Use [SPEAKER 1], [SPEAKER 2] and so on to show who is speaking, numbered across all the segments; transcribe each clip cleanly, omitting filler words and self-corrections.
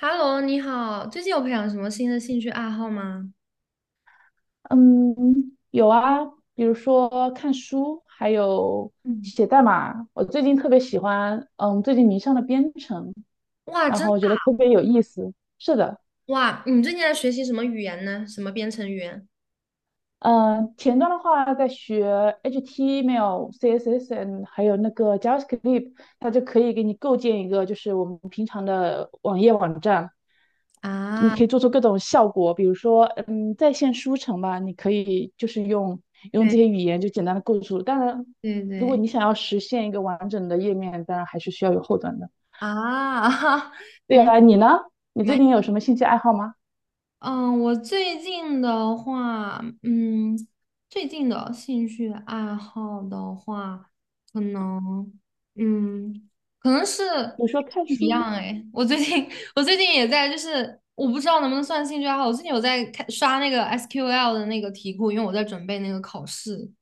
[SPEAKER 1] Hello,你好，最近有培养什么新的兴趣爱好吗？
[SPEAKER 2] 嗯，有啊，比如说看书，还有
[SPEAKER 1] 嗯，
[SPEAKER 2] 写代码。我最近特别喜欢，最近迷上了编程，
[SPEAKER 1] 哇，
[SPEAKER 2] 然
[SPEAKER 1] 真
[SPEAKER 2] 后
[SPEAKER 1] 的
[SPEAKER 2] 我觉得特别有意思。是的。
[SPEAKER 1] 哇！你最近在学习什么语言呢？什么编程语言？
[SPEAKER 2] 嗯，前端的话，在学 HTML、CSS，C S S N，还有那个 JavaScript，它就可以给你构建一个，就是我们平常的网页网站。
[SPEAKER 1] 啊。
[SPEAKER 2] 你
[SPEAKER 1] 啊
[SPEAKER 2] 可以做出各种效果，比如说，在线书城吧，你可以就是用
[SPEAKER 1] 对
[SPEAKER 2] 这些语言就简单的构筑。当然，
[SPEAKER 1] 对
[SPEAKER 2] 如果
[SPEAKER 1] 对，
[SPEAKER 2] 你想要实现一个完整的页面，当然还是需要有后端的。
[SPEAKER 1] 啊，感
[SPEAKER 2] 对
[SPEAKER 1] 觉
[SPEAKER 2] 啊，你呢？你最
[SPEAKER 1] 蛮
[SPEAKER 2] 近有什么兴趣爱好吗？
[SPEAKER 1] 嗯，我最近的话，最近的兴趣爱好的话，可能，嗯，可能是
[SPEAKER 2] 比如说看
[SPEAKER 1] 不一样
[SPEAKER 2] 书？
[SPEAKER 1] 哎。我最近，我最近也在，就是我不知道能不能算兴趣爱好。我最近有在看刷那个 SQL 的那个题库，因为我在准备那个考试。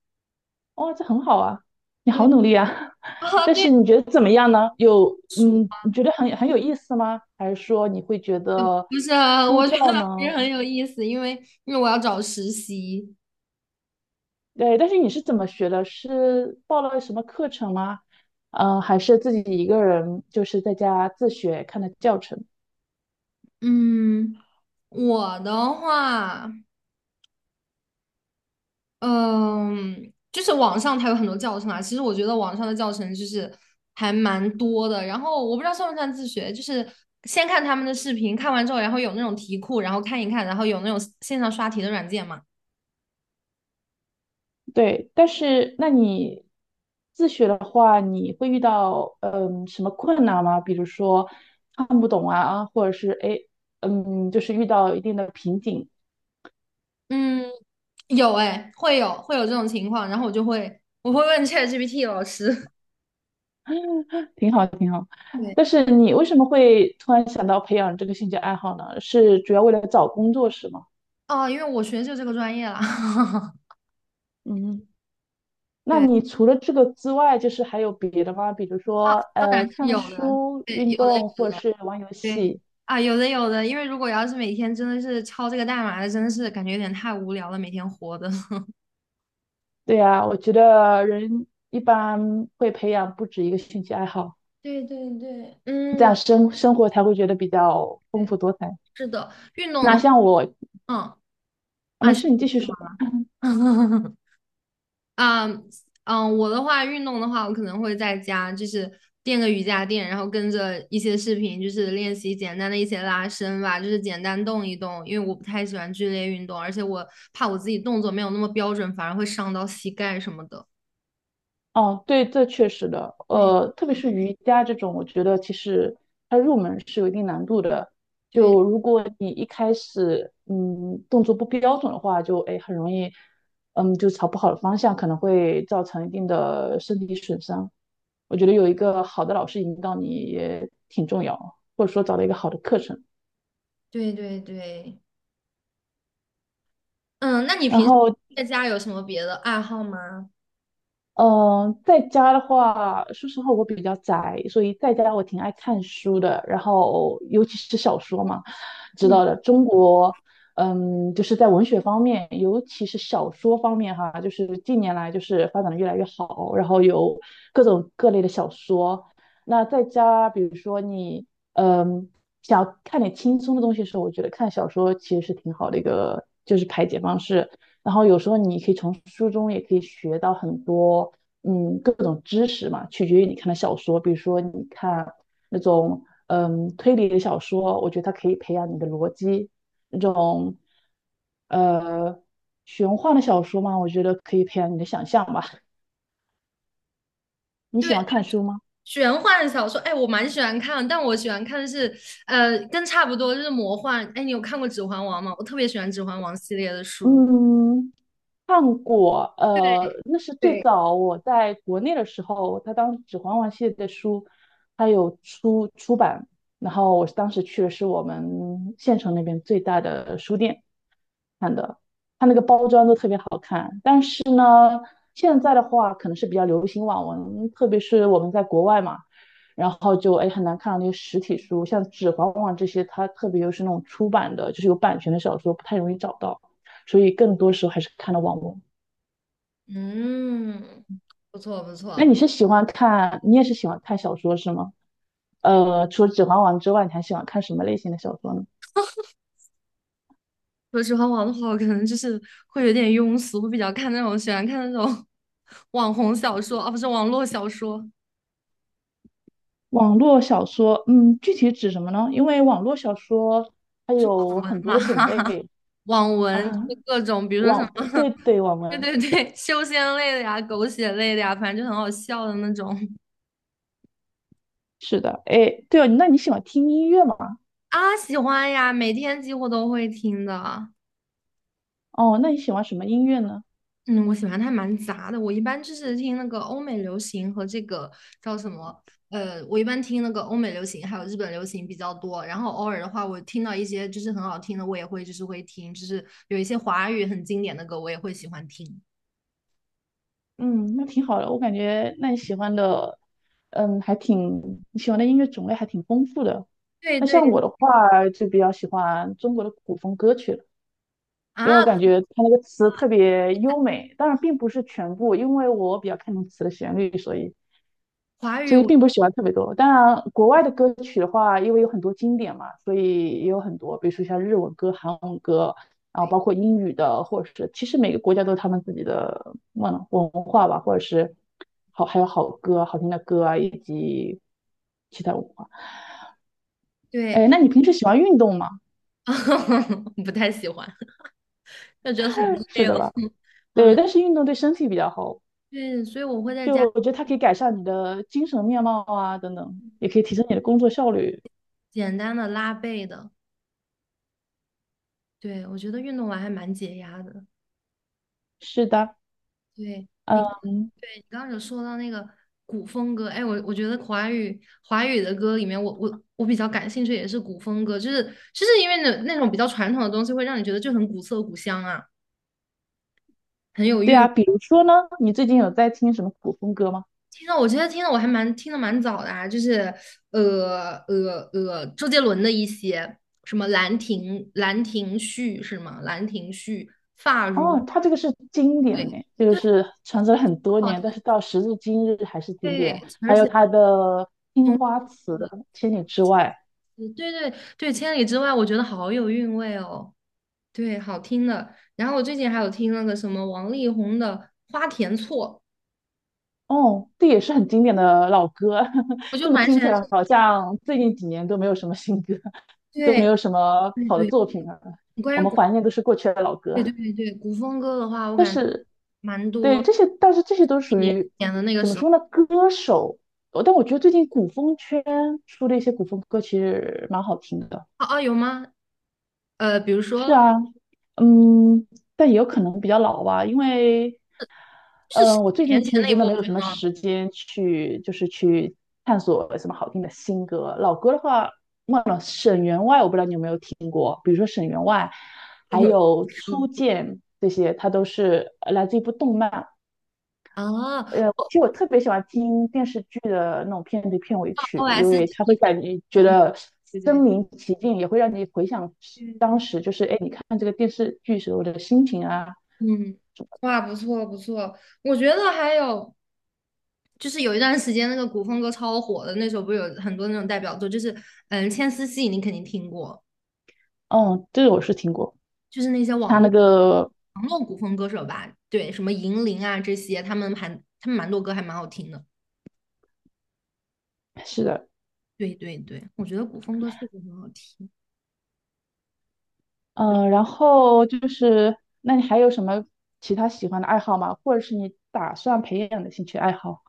[SPEAKER 2] 哦，这很好啊，你好
[SPEAKER 1] 对。
[SPEAKER 2] 努力啊！
[SPEAKER 1] 啊，
[SPEAKER 2] 但是
[SPEAKER 1] 对，
[SPEAKER 2] 你觉得怎么样呢？有，
[SPEAKER 1] 数
[SPEAKER 2] 你觉得很有意思吗？还是说你会觉得
[SPEAKER 1] 就是
[SPEAKER 2] 枯
[SPEAKER 1] 我觉得
[SPEAKER 2] 燥
[SPEAKER 1] 还是
[SPEAKER 2] 呢？
[SPEAKER 1] 很有意思，因为因为我要找实习。
[SPEAKER 2] 对，但是你是怎么学的？是报了什么课程吗？还是自己一个人就是在家自学看的教程？
[SPEAKER 1] 嗯，我的话。嗯，就是网上它有很多教程啊。其实我觉得网上的教程就是还蛮多的。然后我不知道算不算自学，就是先看他们的视频，看完之后，然后有那种题库，然后看一看，然后有那种线上刷题的软件嘛。
[SPEAKER 2] 对，但是那你自学的话，你会遇到什么困难吗？比如说看不懂啊，或者是哎，就是遇到一定的瓶颈。
[SPEAKER 1] 嗯，有哎，会有这种情况，然后我就会问 ChatGPT 老师。
[SPEAKER 2] 挺好，挺好。
[SPEAKER 1] 对，
[SPEAKER 2] 但是你为什么会突然想到培养这个兴趣爱好呢？是主要为了找工作是吗？
[SPEAKER 1] 哦，因为我学的就这个专业啦。
[SPEAKER 2] 嗯。那
[SPEAKER 1] 对
[SPEAKER 2] 你除了这个之外，就是还有别的吗？比如
[SPEAKER 1] 啊，
[SPEAKER 2] 说，
[SPEAKER 1] 当然是
[SPEAKER 2] 看
[SPEAKER 1] 有的，
[SPEAKER 2] 书、
[SPEAKER 1] 对，
[SPEAKER 2] 运
[SPEAKER 1] 有的
[SPEAKER 2] 动，或
[SPEAKER 1] 有
[SPEAKER 2] 者
[SPEAKER 1] 的。
[SPEAKER 2] 是玩游
[SPEAKER 1] 对
[SPEAKER 2] 戏。
[SPEAKER 1] 啊，有的有的，因为如果要是每天真的是敲这个代码的，真的是感觉有点太无聊了，每天活的。
[SPEAKER 2] 对呀，我觉得人一般会培养不止一个兴趣爱好，
[SPEAKER 1] 对对对，嗯，
[SPEAKER 2] 这
[SPEAKER 1] 我
[SPEAKER 2] 样生活才会觉得比较丰
[SPEAKER 1] 对，
[SPEAKER 2] 富多彩。
[SPEAKER 1] 是的，运动
[SPEAKER 2] 那
[SPEAKER 1] 的，话。
[SPEAKER 2] 像我，
[SPEAKER 1] 嗯，
[SPEAKER 2] 啊
[SPEAKER 1] 啊，
[SPEAKER 2] 没
[SPEAKER 1] 是
[SPEAKER 2] 事，你继续
[SPEAKER 1] 吗。
[SPEAKER 2] 说。
[SPEAKER 1] 啊，嗯，我的话，运动的话，我可能会在家就是垫个瑜伽垫，然后跟着一些视频，就是练习简单的一些拉伸吧，就是简单动一动，因为我不太喜欢剧烈运动，而且我怕我自己动作没有那么标准，反而会伤到膝盖什么的。
[SPEAKER 2] 哦，对，这确实的，
[SPEAKER 1] 对
[SPEAKER 2] 特别是瑜伽这种，我觉得其实它入门是有一定难度的。
[SPEAKER 1] 对
[SPEAKER 2] 就如果你一开始，动作不标准的话，就哎很容易，就朝不好的方向，可能会造成一定的身体损伤。我觉得有一个好的老师引导你也挺重要，或者说找到一个好的课程。
[SPEAKER 1] 对对对，嗯，那你
[SPEAKER 2] 然
[SPEAKER 1] 平时
[SPEAKER 2] 后
[SPEAKER 1] 在家有什么别的爱好吗？
[SPEAKER 2] 嗯，在家的话，说实话我比较宅，所以在家我挺爱看书的。然后尤其是小说嘛，知
[SPEAKER 1] 嗯，
[SPEAKER 2] 道的，中国，就是在文学方面，尤其是小说方面哈，就是近年来就是发展的越来越好，然后有各种各类的小说。那在家，比如说你，嗯，想要看点轻松的东西的时候，我觉得看小说其实是挺好的一个就是排解方式。然后有时候你可以从书中也可以学到很多，各种知识嘛，取决于你看的小说。比如说你看那种推理的小说，我觉得它可以培养你的逻辑；那种呃玄幻的小说嘛，我觉得可以培养你的想象吧。你
[SPEAKER 1] 对，
[SPEAKER 2] 喜欢看书吗？
[SPEAKER 1] 玄幻小说，哎，我蛮喜欢看，但我喜欢看的是，跟差不多就是魔幻。哎，你有看过《指环王》吗？我特别喜欢《指环王》系列的书。
[SPEAKER 2] 嗯，看过，那是最
[SPEAKER 1] 对，
[SPEAKER 2] 早我在国内的时候，他当《指环王》系列的书，他有出版，然后我当时去的是我们县城那边最大的书店看的，它那个包装都特别好看。但是呢，现在的话可能是比较流行网文，特别是我们在国外嘛，然后就哎很难看到那些实体书，像《指环王》这些，它特别又是那种出版的，就是有版权的小说，不太容易找到。所以更多时候还是看的网文。
[SPEAKER 1] 嗯，不错不
[SPEAKER 2] 那
[SPEAKER 1] 错。
[SPEAKER 2] 你也是喜欢看小说是吗？除了《指环王》之外，你还喜欢看什么类型的小说呢？
[SPEAKER 1] 说《指环王》的话，我可能就是会有点庸俗，会比较看那种喜欢看那种 网红小说，啊，不是网络小说，
[SPEAKER 2] 网络小说，具体指什么呢？因为网络小说它有
[SPEAKER 1] 文
[SPEAKER 2] 很多
[SPEAKER 1] 嘛，
[SPEAKER 2] 的种类
[SPEAKER 1] 网文，就
[SPEAKER 2] 啊，
[SPEAKER 1] 是各种，比如说什
[SPEAKER 2] 对
[SPEAKER 1] 么。
[SPEAKER 2] 对，网
[SPEAKER 1] 对
[SPEAKER 2] 文，
[SPEAKER 1] 对对，修仙类的呀，狗血类的呀，反正就很好笑的那种
[SPEAKER 2] 是的，哎，对哦，那你喜欢听音乐吗？
[SPEAKER 1] 啊，喜欢呀，每天几乎都会听的。
[SPEAKER 2] 哦，那你喜欢什么音乐呢？
[SPEAKER 1] 嗯，我喜欢它蛮杂的，我一般就是听那个欧美流行和这个叫什么，我一般听那个欧美流行还有日本流行比较多，然后偶尔的话，我听到一些就是很好听的，我也会就是会听，就是有一些华语很经典的歌，我也会喜欢听。
[SPEAKER 2] 嗯，那挺好的，我感觉那你喜欢的，你喜欢的音乐种类还挺丰富的。
[SPEAKER 1] 对
[SPEAKER 2] 那像
[SPEAKER 1] 对
[SPEAKER 2] 我的话，就比较喜欢中国的古风歌曲了，因为我
[SPEAKER 1] 啊，
[SPEAKER 2] 感觉它那个词特别优美，当然并不是全部，因为我比较看重词的旋律，所以
[SPEAKER 1] 华
[SPEAKER 2] 所
[SPEAKER 1] 语
[SPEAKER 2] 以
[SPEAKER 1] 我
[SPEAKER 2] 并不是喜欢特别多。当然，国外的歌曲的话，因为有很多经典嘛，所以也有很多，比如说像日文歌、韩文歌，然后
[SPEAKER 1] 对
[SPEAKER 2] 包括英语的，或者是其实每个国家都有他们自己的文化吧，或者是好还有好歌、好听的歌啊，以及其他文化。
[SPEAKER 1] 对，
[SPEAKER 2] 哎，那你平时喜欢运动吗？
[SPEAKER 1] 不太喜欢，就觉得很
[SPEAKER 2] 是
[SPEAKER 1] 累
[SPEAKER 2] 的
[SPEAKER 1] 了。
[SPEAKER 2] 吧？对，但是运动对身体比较好，
[SPEAKER 1] 对，所以我会在
[SPEAKER 2] 就
[SPEAKER 1] 家
[SPEAKER 2] 我觉得它可以改善你的精神面貌啊，等等，也可以提升你的工作效率。
[SPEAKER 1] 简单的拉背的。对，我觉得运动完还蛮解压的。
[SPEAKER 2] 是的，
[SPEAKER 1] 对
[SPEAKER 2] 嗯，
[SPEAKER 1] 你刚对你刚刚有说到那个古风歌，哎，我觉得华语的歌里面我比较感兴趣也是古风歌，就是就是因为那种比较传统的东西会让你觉得就很古色古香啊，很有
[SPEAKER 2] 对
[SPEAKER 1] 韵
[SPEAKER 2] 啊，
[SPEAKER 1] 味。
[SPEAKER 2] 比如说呢，你最近有在听什么古风歌吗？
[SPEAKER 1] 听到我觉得听的蛮早的啊，就是周杰伦的一些什么《兰亭》《兰亭序》是吗？《兰亭序》《发如》。
[SPEAKER 2] 哦，它这个是经
[SPEAKER 1] 对，
[SPEAKER 2] 典呢，这个
[SPEAKER 1] 对，
[SPEAKER 2] 是传承了很多
[SPEAKER 1] 好
[SPEAKER 2] 年，但
[SPEAKER 1] 听，
[SPEAKER 2] 是到时至今日还是经
[SPEAKER 1] 对，
[SPEAKER 2] 典。
[SPEAKER 1] 而
[SPEAKER 2] 还有
[SPEAKER 1] 且
[SPEAKER 2] 它的《青花瓷》
[SPEAKER 1] 嗯。
[SPEAKER 2] 《千里之外》，
[SPEAKER 1] 对对对，千里之外，我觉得好有韵味哦，对，好听的。然后我最近还有听那个什么王力宏的《花田错》，
[SPEAKER 2] 哦，这也是很经典的老歌。
[SPEAKER 1] 我就
[SPEAKER 2] 这么
[SPEAKER 1] 蛮喜
[SPEAKER 2] 听起
[SPEAKER 1] 欢
[SPEAKER 2] 来，好
[SPEAKER 1] 这个。
[SPEAKER 2] 像最近几年都没有什么新歌，都没
[SPEAKER 1] 对
[SPEAKER 2] 有什么
[SPEAKER 1] 对
[SPEAKER 2] 好的
[SPEAKER 1] 对，
[SPEAKER 2] 作品了。
[SPEAKER 1] 关
[SPEAKER 2] 我
[SPEAKER 1] 于
[SPEAKER 2] 们
[SPEAKER 1] 古
[SPEAKER 2] 怀念都是过去的老歌。
[SPEAKER 1] 对对对对古风歌的话，我感觉蛮
[SPEAKER 2] 对，
[SPEAKER 1] 多
[SPEAKER 2] 这些，但是这些都
[SPEAKER 1] 一
[SPEAKER 2] 属
[SPEAKER 1] 年
[SPEAKER 2] 于
[SPEAKER 1] 前的那个
[SPEAKER 2] 怎么
[SPEAKER 1] 时候，
[SPEAKER 2] 说呢？歌手，但我觉得最近古风圈出的一些古风歌其实蛮好听的，
[SPEAKER 1] 哦、哦，有吗？呃，比如说
[SPEAKER 2] 嗯，但也有可能比较老吧，因为，
[SPEAKER 1] 就是十几
[SPEAKER 2] 我最
[SPEAKER 1] 年
[SPEAKER 2] 近其
[SPEAKER 1] 前
[SPEAKER 2] 实
[SPEAKER 1] 那一
[SPEAKER 2] 真
[SPEAKER 1] 部，
[SPEAKER 2] 的
[SPEAKER 1] 我
[SPEAKER 2] 没
[SPEAKER 1] 觉
[SPEAKER 2] 有什
[SPEAKER 1] 得
[SPEAKER 2] 么
[SPEAKER 1] 很好
[SPEAKER 2] 时间去，就是去探索什么好听的新歌。老歌的话，沈员外我不知道你有没有听过，比如说沈员外，
[SPEAKER 1] 听。
[SPEAKER 2] 还
[SPEAKER 1] 有
[SPEAKER 2] 有
[SPEAKER 1] 歌
[SPEAKER 2] 初见这些，它都是来自一部动漫，
[SPEAKER 1] 啊，哦我
[SPEAKER 2] 其实我特别喜欢听电视剧的那种片头片尾曲，因为它会
[SPEAKER 1] OST,
[SPEAKER 2] 感觉觉得
[SPEAKER 1] 对对
[SPEAKER 2] 身
[SPEAKER 1] 对
[SPEAKER 2] 临其境，也会让你回想
[SPEAKER 1] 对
[SPEAKER 2] 当
[SPEAKER 1] 对。
[SPEAKER 2] 时就是哎，你看这个电视剧时候的心情啊。
[SPEAKER 1] 嗯，哇，不错不错，我觉得还有就是有一段时间那个古风歌超火的，那时候不是有很多那种代表作，就是嗯，《牵丝戏》你肯定听过，
[SPEAKER 2] 嗯，这个我是听过。
[SPEAKER 1] 就是那些
[SPEAKER 2] 它
[SPEAKER 1] 网
[SPEAKER 2] 那
[SPEAKER 1] 络
[SPEAKER 2] 个
[SPEAKER 1] 网络古风歌手吧，对，什么银铃啊这些，他们蛮多歌还蛮好听的，
[SPEAKER 2] 是的，
[SPEAKER 1] 对对对，我觉得古风歌确实很好听。
[SPEAKER 2] 嗯，然后就是，那你还有什么其他喜欢的爱好吗？或者是你打算培养的兴趣爱好？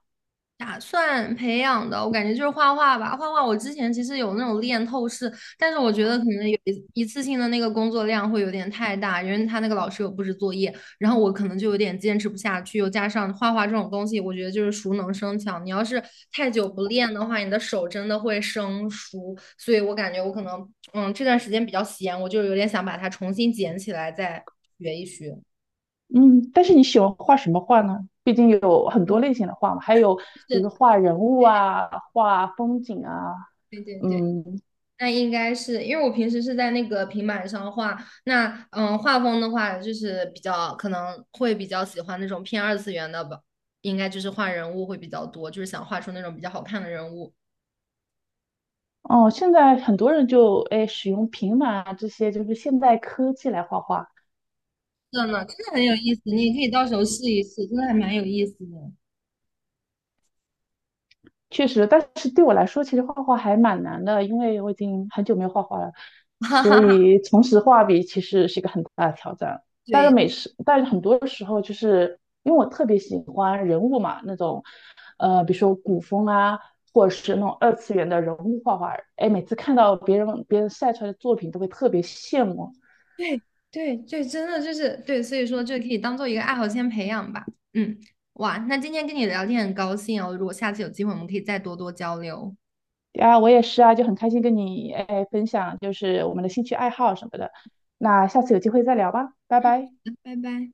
[SPEAKER 1] 打算培养的，我感觉就是画画吧。画画我之前其实有那种练透视，但是我觉得可能有一次性的那个工作量会有点太大，因为他那个老师有布置作业，然后我可能就有点坚持不下去。又加上画画这种东西，我觉得就是熟能生巧，你要是太久不练的话，你的手真的会生疏。所以我感觉我可能，嗯，这段时间比较闲，我就有点想把它重新捡起来再学一学。
[SPEAKER 2] 嗯，但是你喜欢画什么画呢？毕竟有很多类型的画嘛，还有比
[SPEAKER 1] 是，
[SPEAKER 2] 如说画人物啊、画风景啊，
[SPEAKER 1] 对对对。
[SPEAKER 2] 嗯，
[SPEAKER 1] 那应该是因为我平时是在那个平板上画，那嗯，画风的话就是比较可能会比较喜欢那种偏二次元的吧，应该就是画人物会比较多，就是想画出那种比较好看的人物。
[SPEAKER 2] 哦，现在很多人就哎使用平板啊这些就是现代科技来画画，
[SPEAKER 1] 真的，真的很有意思，你也可以到时候试一试，真的还蛮有意思的。
[SPEAKER 2] 确实，但是对我来说，其实画画还蛮难的，因为我已经很久没有画画了，
[SPEAKER 1] 哈
[SPEAKER 2] 所
[SPEAKER 1] 哈哈
[SPEAKER 2] 以重拾画笔其实是一个很大的挑战。
[SPEAKER 1] 对
[SPEAKER 2] 但是很多时候就是因为我特别喜欢人物嘛，那种比如说古风啊，或者是那种二次元的人物画画，哎，每次看到别人晒出来的作品，都会特别羡慕，
[SPEAKER 1] 对对对，真的就是对，所以说就可以当做一个爱好先培养吧。嗯，哇，那今天跟你聊天很高兴哦，如果下次有机会，我们可以再多多交流。
[SPEAKER 2] 啊，我也是啊，就很开心跟你哎分享，就是我们的兴趣爱好什么的。那下次有机会再聊吧，拜拜。
[SPEAKER 1] 嗯，拜拜。